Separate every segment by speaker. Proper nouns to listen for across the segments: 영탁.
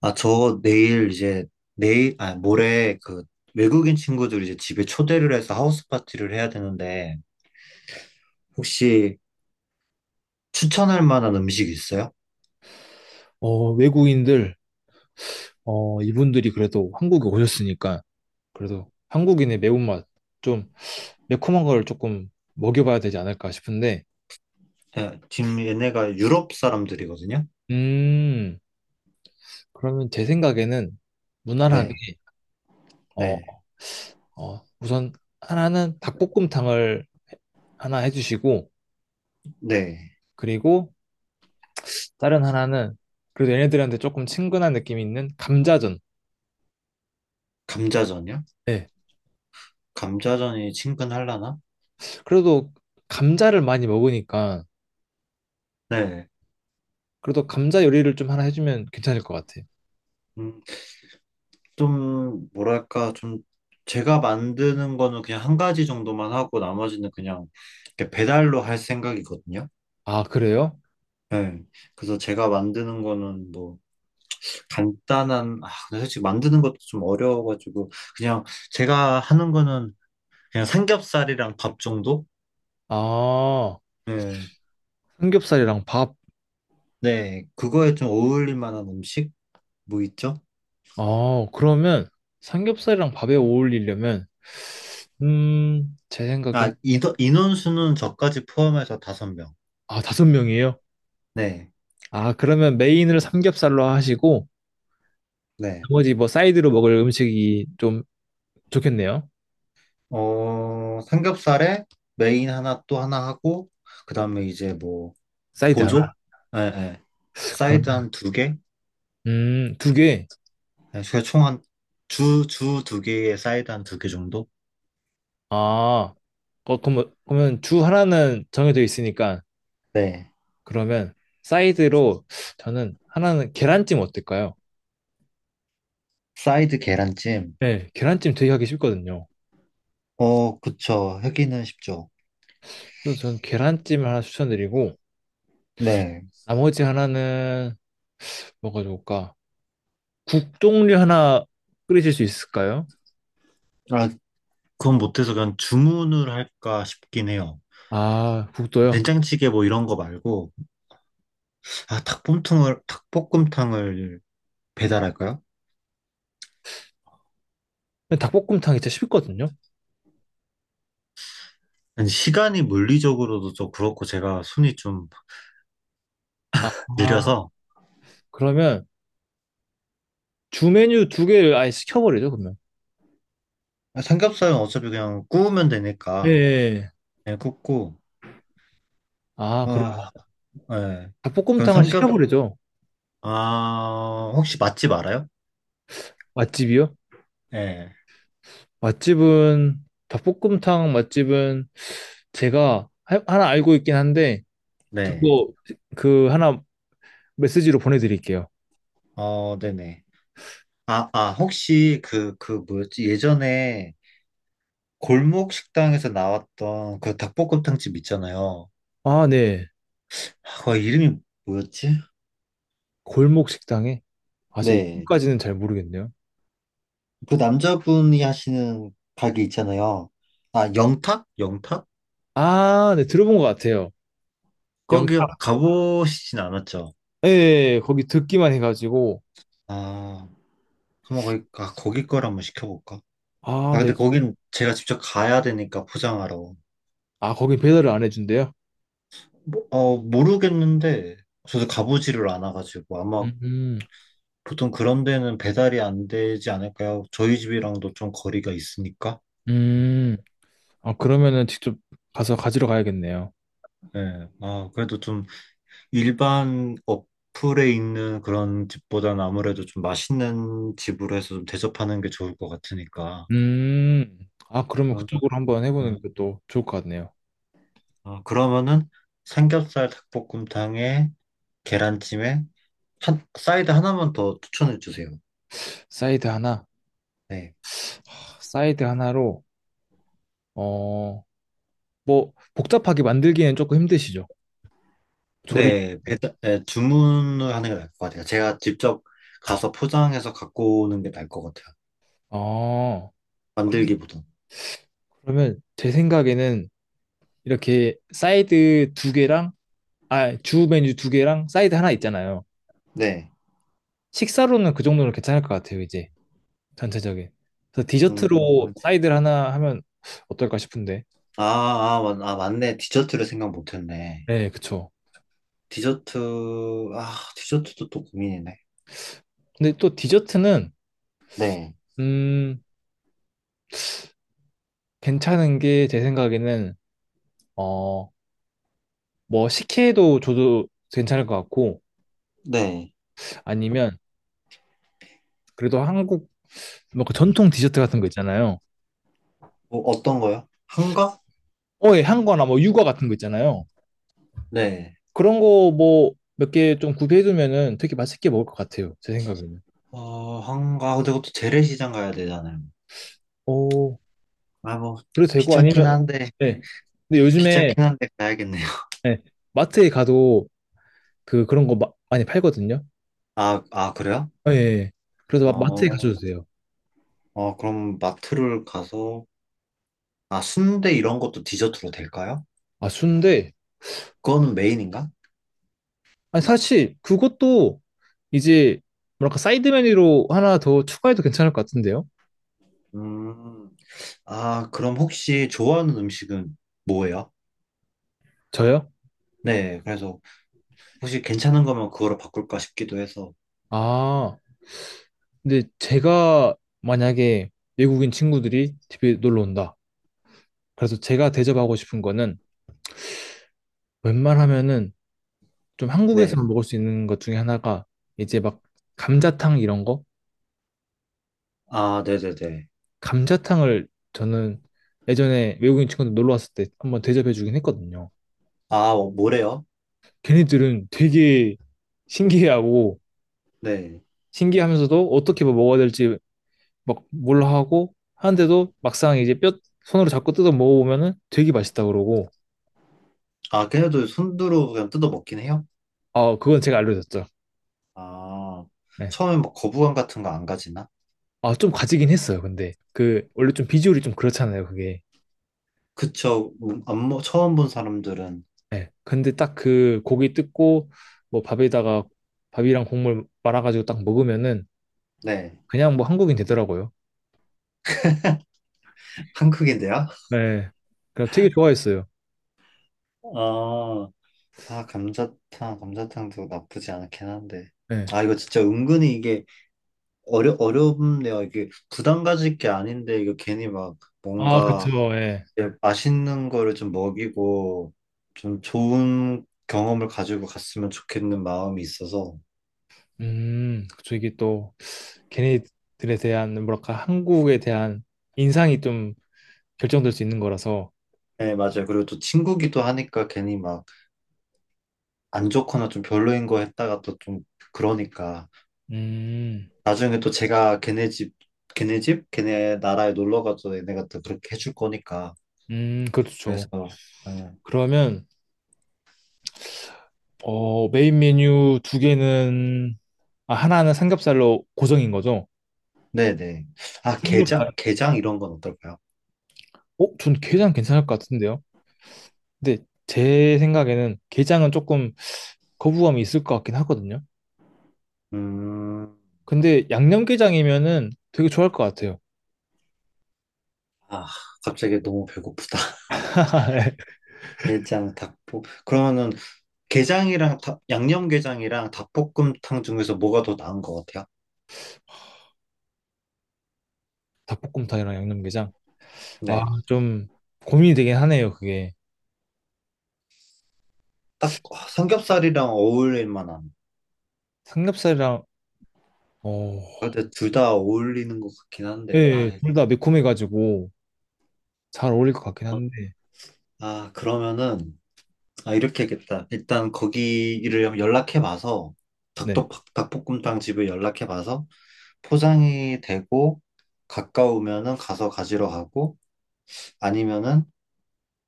Speaker 1: 아, 저 내일 이제, 모레 외국인 친구들 이제 집에 초대를 해서 하우스 파티를 해야 되는데, 혹시 추천할 만한 음식 있어요?
Speaker 2: 외국인들, 이분들이 그래도 한국에 오셨으니까, 그래도 한국인의 매운맛, 좀 매콤한 걸 조금 먹여봐야 되지 않을까 싶은데,
Speaker 1: 네, 지금 얘네가 유럽 사람들이거든요?
Speaker 2: 음, 그러면 제 생각에는 무난하게,
Speaker 1: 네, 네,
Speaker 2: 어, 우선 하나는 닭볶음탕을 하나 해주시고,
Speaker 1: 네.
Speaker 2: 그리고 다른 하나는, 그래도 얘네들한테 조금 친근한 느낌이 있는 감자전.
Speaker 1: 감자전이요?
Speaker 2: 네.
Speaker 1: 감자전이 친근하려나?
Speaker 2: 그래도 감자를 많이 먹으니까,
Speaker 1: 네.
Speaker 2: 그래도 감자 요리를 좀 하나 해주면 괜찮을 것 같아요.
Speaker 1: 음, 좀, 뭐랄까, 좀, 제가 만드는 거는 그냥 한 가지 정도만 하고 나머지는 그냥 이렇게 배달로 할 생각이거든요?
Speaker 2: 아, 그래요?
Speaker 1: 네. 그래서 제가 만드는 거는 뭐, 간단한, 근데 솔직히 만드는 것도 좀 어려워가지고, 그냥 제가 하는 거는 그냥 삼겹살이랑 밥 정도?
Speaker 2: 아,
Speaker 1: 네,
Speaker 2: 삼겹살이랑 밥.
Speaker 1: 네, 그거에 좀 어울릴 만한 음식? 뭐 있죠?
Speaker 2: 아, 그러면 삼겹살이랑 밥에 어울리려면, 제 생각엔,
Speaker 1: 아, 인원수는 저까지 포함해서 5명.
Speaker 2: 아, 다섯 명이에요?
Speaker 1: 네,
Speaker 2: 아, 그러면 메인을 삼겹살로 하시고,
Speaker 1: 네.
Speaker 2: 나머지 뭐 사이드로 먹을 음식이 좀 좋겠네요.
Speaker 1: 삼겹살에 메인 하나 또 하나 하고, 그 다음에 이제 뭐,
Speaker 2: 사이드
Speaker 1: 보조?
Speaker 2: 하나.
Speaker 1: 네, 네. 사이드
Speaker 2: 그러면,
Speaker 1: 한 두 개?
Speaker 2: 두 개.
Speaker 1: 네, 총한 주 두 개에 사이드 한 두 개 정도?
Speaker 2: 아, 그럼, 그러면 주 하나는 정해져 있으니까,
Speaker 1: 네.
Speaker 2: 그러면 사이드로 저는 하나는 계란찜 어떨까요?
Speaker 1: 사이드 계란찜.
Speaker 2: 네, 계란찜 되게 하기 쉽거든요.
Speaker 1: 어, 그쵸. 하기는 쉽죠.
Speaker 2: 그래서 저는 계란찜 하나 추천드리고,
Speaker 1: 네.
Speaker 2: 나머지 하나는 뭐가 좋을까? 국 종류 하나 끓이실 수 있을까요?
Speaker 1: 아, 그건 못해서 그냥 주문을 할까 싶긴 해요.
Speaker 2: 아, 국도요?
Speaker 1: 된장찌개 뭐 이런 거 말고, 닭볶음탕을 배달할까요?
Speaker 2: 닭볶음탕이 진짜 쉽거든요.
Speaker 1: 아니, 시간이 물리적으로도 좀 그렇고 제가 손이 좀
Speaker 2: 아, 아,
Speaker 1: 느려서,
Speaker 2: 그러면 주 메뉴 두 개를 아예 시켜버리죠, 그러면.
Speaker 1: 아, 삼겹살은 어차피 그냥 구우면
Speaker 2: 예.
Speaker 1: 되니까,
Speaker 2: 예.
Speaker 1: 그냥 굽고,
Speaker 2: 아, 그럼
Speaker 1: 아, 예. 그럼
Speaker 2: 닭볶음탕을 시켜버리죠.
Speaker 1: 혹시 맛집 알아요?
Speaker 2: 맛집이요?
Speaker 1: 네
Speaker 2: 맛집은 닭볶음탕 맛집은 제가 하나 알고 있긴 한데
Speaker 1: 네.
Speaker 2: 그거 그 하나 메시지로 보내드릴게요.
Speaker 1: 어, 네네. 아, 혹시 그 뭐였지? 예전에 골목 식당에서 나왔던 그 닭볶음탕집 있잖아요.
Speaker 2: 아, 네.
Speaker 1: 아, 그 이름이 뭐였지?
Speaker 2: 골목 식당에? 아, 제가
Speaker 1: 네.
Speaker 2: 이름까지는 잘 모르겠네요.
Speaker 1: 그 남자분이 하시는 가게 있잖아요. 아, 영탁? 영탁?
Speaker 2: 아, 네, 들어본 것 같아요. 영,
Speaker 1: 거기 가보시진 않았죠?
Speaker 2: 예, 예, 예, 거기 듣기만 해가지고,
Speaker 1: 아, 한번 거기 걸 한번 시켜볼까?
Speaker 2: 아,
Speaker 1: 아,
Speaker 2: 네,
Speaker 1: 근데 거긴 제가 직접 가야 되니까 포장하러.
Speaker 2: 아, 거기 배달을 안 해준대요?
Speaker 1: 뭐, 모르겠는데, 저도 가보지를 않아가지고, 아마
Speaker 2: 음, 음,
Speaker 1: 보통 그런 데는 배달이 안 되지 않을까요? 저희 집이랑도 좀 거리가 있으니까.
Speaker 2: 음. 아, 그러면은 직접 가서 가지러 가야겠네요.
Speaker 1: 예. 아, 그래도 좀 일반 어플에 있는 그런 집보다는 아무래도 좀 맛있는 집으로 해서 좀 대접하는 게 좋을 것 같으니까.
Speaker 2: 음, 아, 그러면
Speaker 1: 그러면,
Speaker 2: 그쪽으로 한번
Speaker 1: 예.
Speaker 2: 해보는 것도 좋을 것 같네요.
Speaker 1: 아, 그러면은 삼겹살 닭볶음탕에 계란찜에 사이드 하나만 더 추천해 주세요.
Speaker 2: 사이드 하나,
Speaker 1: 네.
Speaker 2: 사이드 하나로, 어, 뭐, 복잡하게 만들기에는 조금 힘드시죠? 조리,
Speaker 1: 네, 네, 주문을 하는 게 나을 것 같아요. 제가 직접 가서 포장해서 갖고 오는 게 나을 것 같아요.
Speaker 2: 어, 그럼-
Speaker 1: 만들기보다.
Speaker 2: 그러면 제 생각에는 이렇게 사이드 두 개랑 아, 주 메뉴 두 개랑 사이드 하나 있잖아요.
Speaker 1: 네.
Speaker 2: 식사로는 그 정도는 괜찮을 것 같아요, 이제. 전체적인. 그래서
Speaker 1: 음,
Speaker 2: 디저트로 사이드를 하나 하면 어떨까 싶은데.
Speaker 1: 맞네. 디저트를 생각 못했네.
Speaker 2: 네, 그쵸.
Speaker 1: 디저트, 디저트도 또 고민이네.
Speaker 2: 근데 또 디저트는,
Speaker 1: 네.
Speaker 2: 음, 괜찮은 게 제 생각에는, 어, 뭐, 식혜도 줘도 괜찮을 것 같고,
Speaker 1: 네.
Speaker 2: 아니면, 그래도 한국, 뭐그 전통 디저트 같은 거 있잖아요.
Speaker 1: 뭐, 어떤 거요? 한가?
Speaker 2: 어, 예, 한거나 뭐, 유아 같은 거 있잖아요.
Speaker 1: 네.
Speaker 2: 그런 거 뭐, 몇 개 좀 구비해두면은 되게 맛있게 먹을 것 같아요, 제 생각에는.
Speaker 1: 한가. 근데 그것도 재래시장 가야 되잖아요.
Speaker 2: 오,
Speaker 1: 아, 뭐,
Speaker 2: 그래도 되고
Speaker 1: 귀찮긴
Speaker 2: 아니면
Speaker 1: 한데,
Speaker 2: 네. 근데 요즘에
Speaker 1: 귀찮긴 한데 가야겠네요.
Speaker 2: 네, 마트에 가도 그 그런 거 많이 팔거든요.
Speaker 1: 아, 그래요?
Speaker 2: 예. 예. 그래서 마트에
Speaker 1: 어,
Speaker 2: 가셔도 돼요.
Speaker 1: 그럼 마트를 가서, 순대 이런 것도 디저트로 될까요?
Speaker 2: 아, 순대.
Speaker 1: 그거는 메인인가?
Speaker 2: 아니 사실 그것도 이제 뭐랄까 사이드 메뉴로 하나 더 추가해도 괜찮을 것 같은데요.
Speaker 1: 음. 아, 그럼 혹시 좋아하는 음식은 뭐예요?
Speaker 2: 저요?
Speaker 1: 네, 그래서 혹시 괜찮은 거면 그거로 바꿀까 싶기도 해서.
Speaker 2: 아, 근데 제가 만약에 외국인 친구들이 집에 놀러 온다. 그래서 제가 대접하고 싶은 거는 웬만하면은 좀
Speaker 1: 네.
Speaker 2: 한국에서 먹을 수 있는 것 중에 하나가 이제 막 감자탕 이런 거?
Speaker 1: 아, 네네네.
Speaker 2: 감자탕을 저는 예전에 외국인 친구들 놀러 왔을 때 한번 대접해 주긴 했거든요.
Speaker 1: 아, 뭐래요?
Speaker 2: 걔네들은 되게 신기해하고
Speaker 1: 네.
Speaker 2: 신기하면서도 어떻게 뭐 먹어야 될지 막 몰라 하고 하는데도 막상 이제 뼈 손으로 잡고 뜯어 먹어보면은 되게 맛있다 그러고
Speaker 1: 아, 걔네도 손으로 그냥 뜯어 먹긴 해요?
Speaker 2: 아 그건 제가 알려줬죠.
Speaker 1: 아,
Speaker 2: 네.
Speaker 1: 처음에 막 거부감 같은 거 안 가지나?
Speaker 2: 아좀 가지긴 했어요. 근데 그 원래 좀 비주얼이 좀 그렇잖아요. 그게.
Speaker 1: 그쵸. 안, 먹- 처음 본 사람들은.
Speaker 2: 네. 근데 딱 그 고기 뜯고 뭐 밥에다가 밥이랑 국물 말아가지고 딱 먹으면은
Speaker 1: 네.
Speaker 2: 그냥 뭐 한국인 되더라고요.
Speaker 1: 한국인데요?
Speaker 2: 네. 그냥 되게 좋아했어요.
Speaker 1: 아, 감자탕도 나쁘지 않긴 한데.
Speaker 2: 네.
Speaker 1: 아, 이거 진짜 은근히 이게 어렵네요. 이게 부담 가질 게 아닌데, 이거 괜히 막
Speaker 2: 아,
Speaker 1: 뭔가
Speaker 2: 그쵸. 예.
Speaker 1: 예, 맛있는 거를 좀 먹이고, 좀 좋은 경험을 가지고 갔으면 좋겠는 마음이 있어서.
Speaker 2: 그쵸. 이게 또 걔네들에 대한 뭐랄까 한국에 대한 인상이 좀 결정될 수 있는 거라서.
Speaker 1: 네, 맞아요. 그리고 또 친구기도 하니까 괜히 막 안 좋거나 좀 별로인 거 했다가 또 좀 그러니까.
Speaker 2: 음,
Speaker 1: 나중에 또 제가 걔네 집, 걔네 집? 걔네 나라에 놀러 가도 얘네가 또 그렇게 해줄 거니까. 그래서,
Speaker 2: 그렇죠.
Speaker 1: 네,
Speaker 2: 그러면 어 메인 메뉴 두 개는 아, 하나는 삼겹살로 고정인 거죠?
Speaker 1: 네네. 아, 게장?
Speaker 2: 삼겹살.
Speaker 1: 게장 이런 건 어떨까요?
Speaker 2: 어, 전 게장 괜찮을 것 같은데요. 근데 제 생각에는 게장은 조금 거부감이 있을 것 같긴 하거든요.
Speaker 1: 음.
Speaker 2: 근데 양념게장이면은 되게 좋아할 것 같아요.
Speaker 1: 아, 갑자기 너무 배고프다.
Speaker 2: 예.
Speaker 1: 게장, 닭볶. 그러면은 게장이랑 양념게장이랑 닭볶음탕 중에서 뭐가 더 나은 것 같아요?
Speaker 2: 닭볶음탕이랑 양념게장. 아,
Speaker 1: 네.
Speaker 2: 좀 고민이 되긴 하네요, 그게.
Speaker 1: 딱 삼겹살이랑 어울릴 만한.
Speaker 2: 삼겹살이랑, 어,
Speaker 1: 아, 근데 둘 다 어울리는 것 같긴
Speaker 2: 예,
Speaker 1: 한데. 아,
Speaker 2: 예,
Speaker 1: 예.
Speaker 2: 둘 다 매콤해가지고 잘 어울릴 것 같긴 한데,
Speaker 1: 아, 그러면은 이렇게 하겠다. 일단 거기를 연락해 봐서
Speaker 2: 네.
Speaker 1: 닭도 닭볶음탕 집을 연락해 봐서 포장이 되고 가까우면은 가서 가지러 가고 아니면은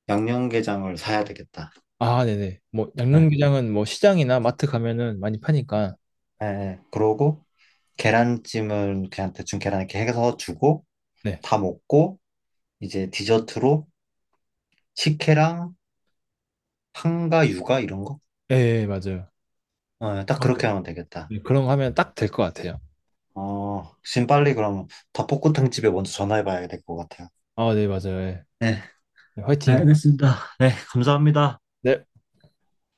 Speaker 1: 양념게장을 사야 되겠다.
Speaker 2: 아, 네네. 뭐,
Speaker 1: 네.
Speaker 2: 양념게장은 뭐 시장이나 마트 가면은 많이 파니까,
Speaker 1: 예, 예. 그러고 계란찜은 그냥 대충 계란 이렇게 해서 주고
Speaker 2: 네.
Speaker 1: 다 먹고 이제 디저트로 식혜랑 한가 유가 이런 거?
Speaker 2: 예, 예, 맞아요.
Speaker 1: 예, 딱 그렇게 하면 되겠다.
Speaker 2: 네, 그런 거 하면 딱 될 것 같아요.
Speaker 1: 지금 빨리 그럼 닭볶음탕 집에 먼저 전화해 봐야 될 것 같아요.
Speaker 2: 아, 네, 맞아요. 예.
Speaker 1: 네,
Speaker 2: 화이팅.
Speaker 1: 알겠습니다. 네, 감사합니다.
Speaker 2: 네.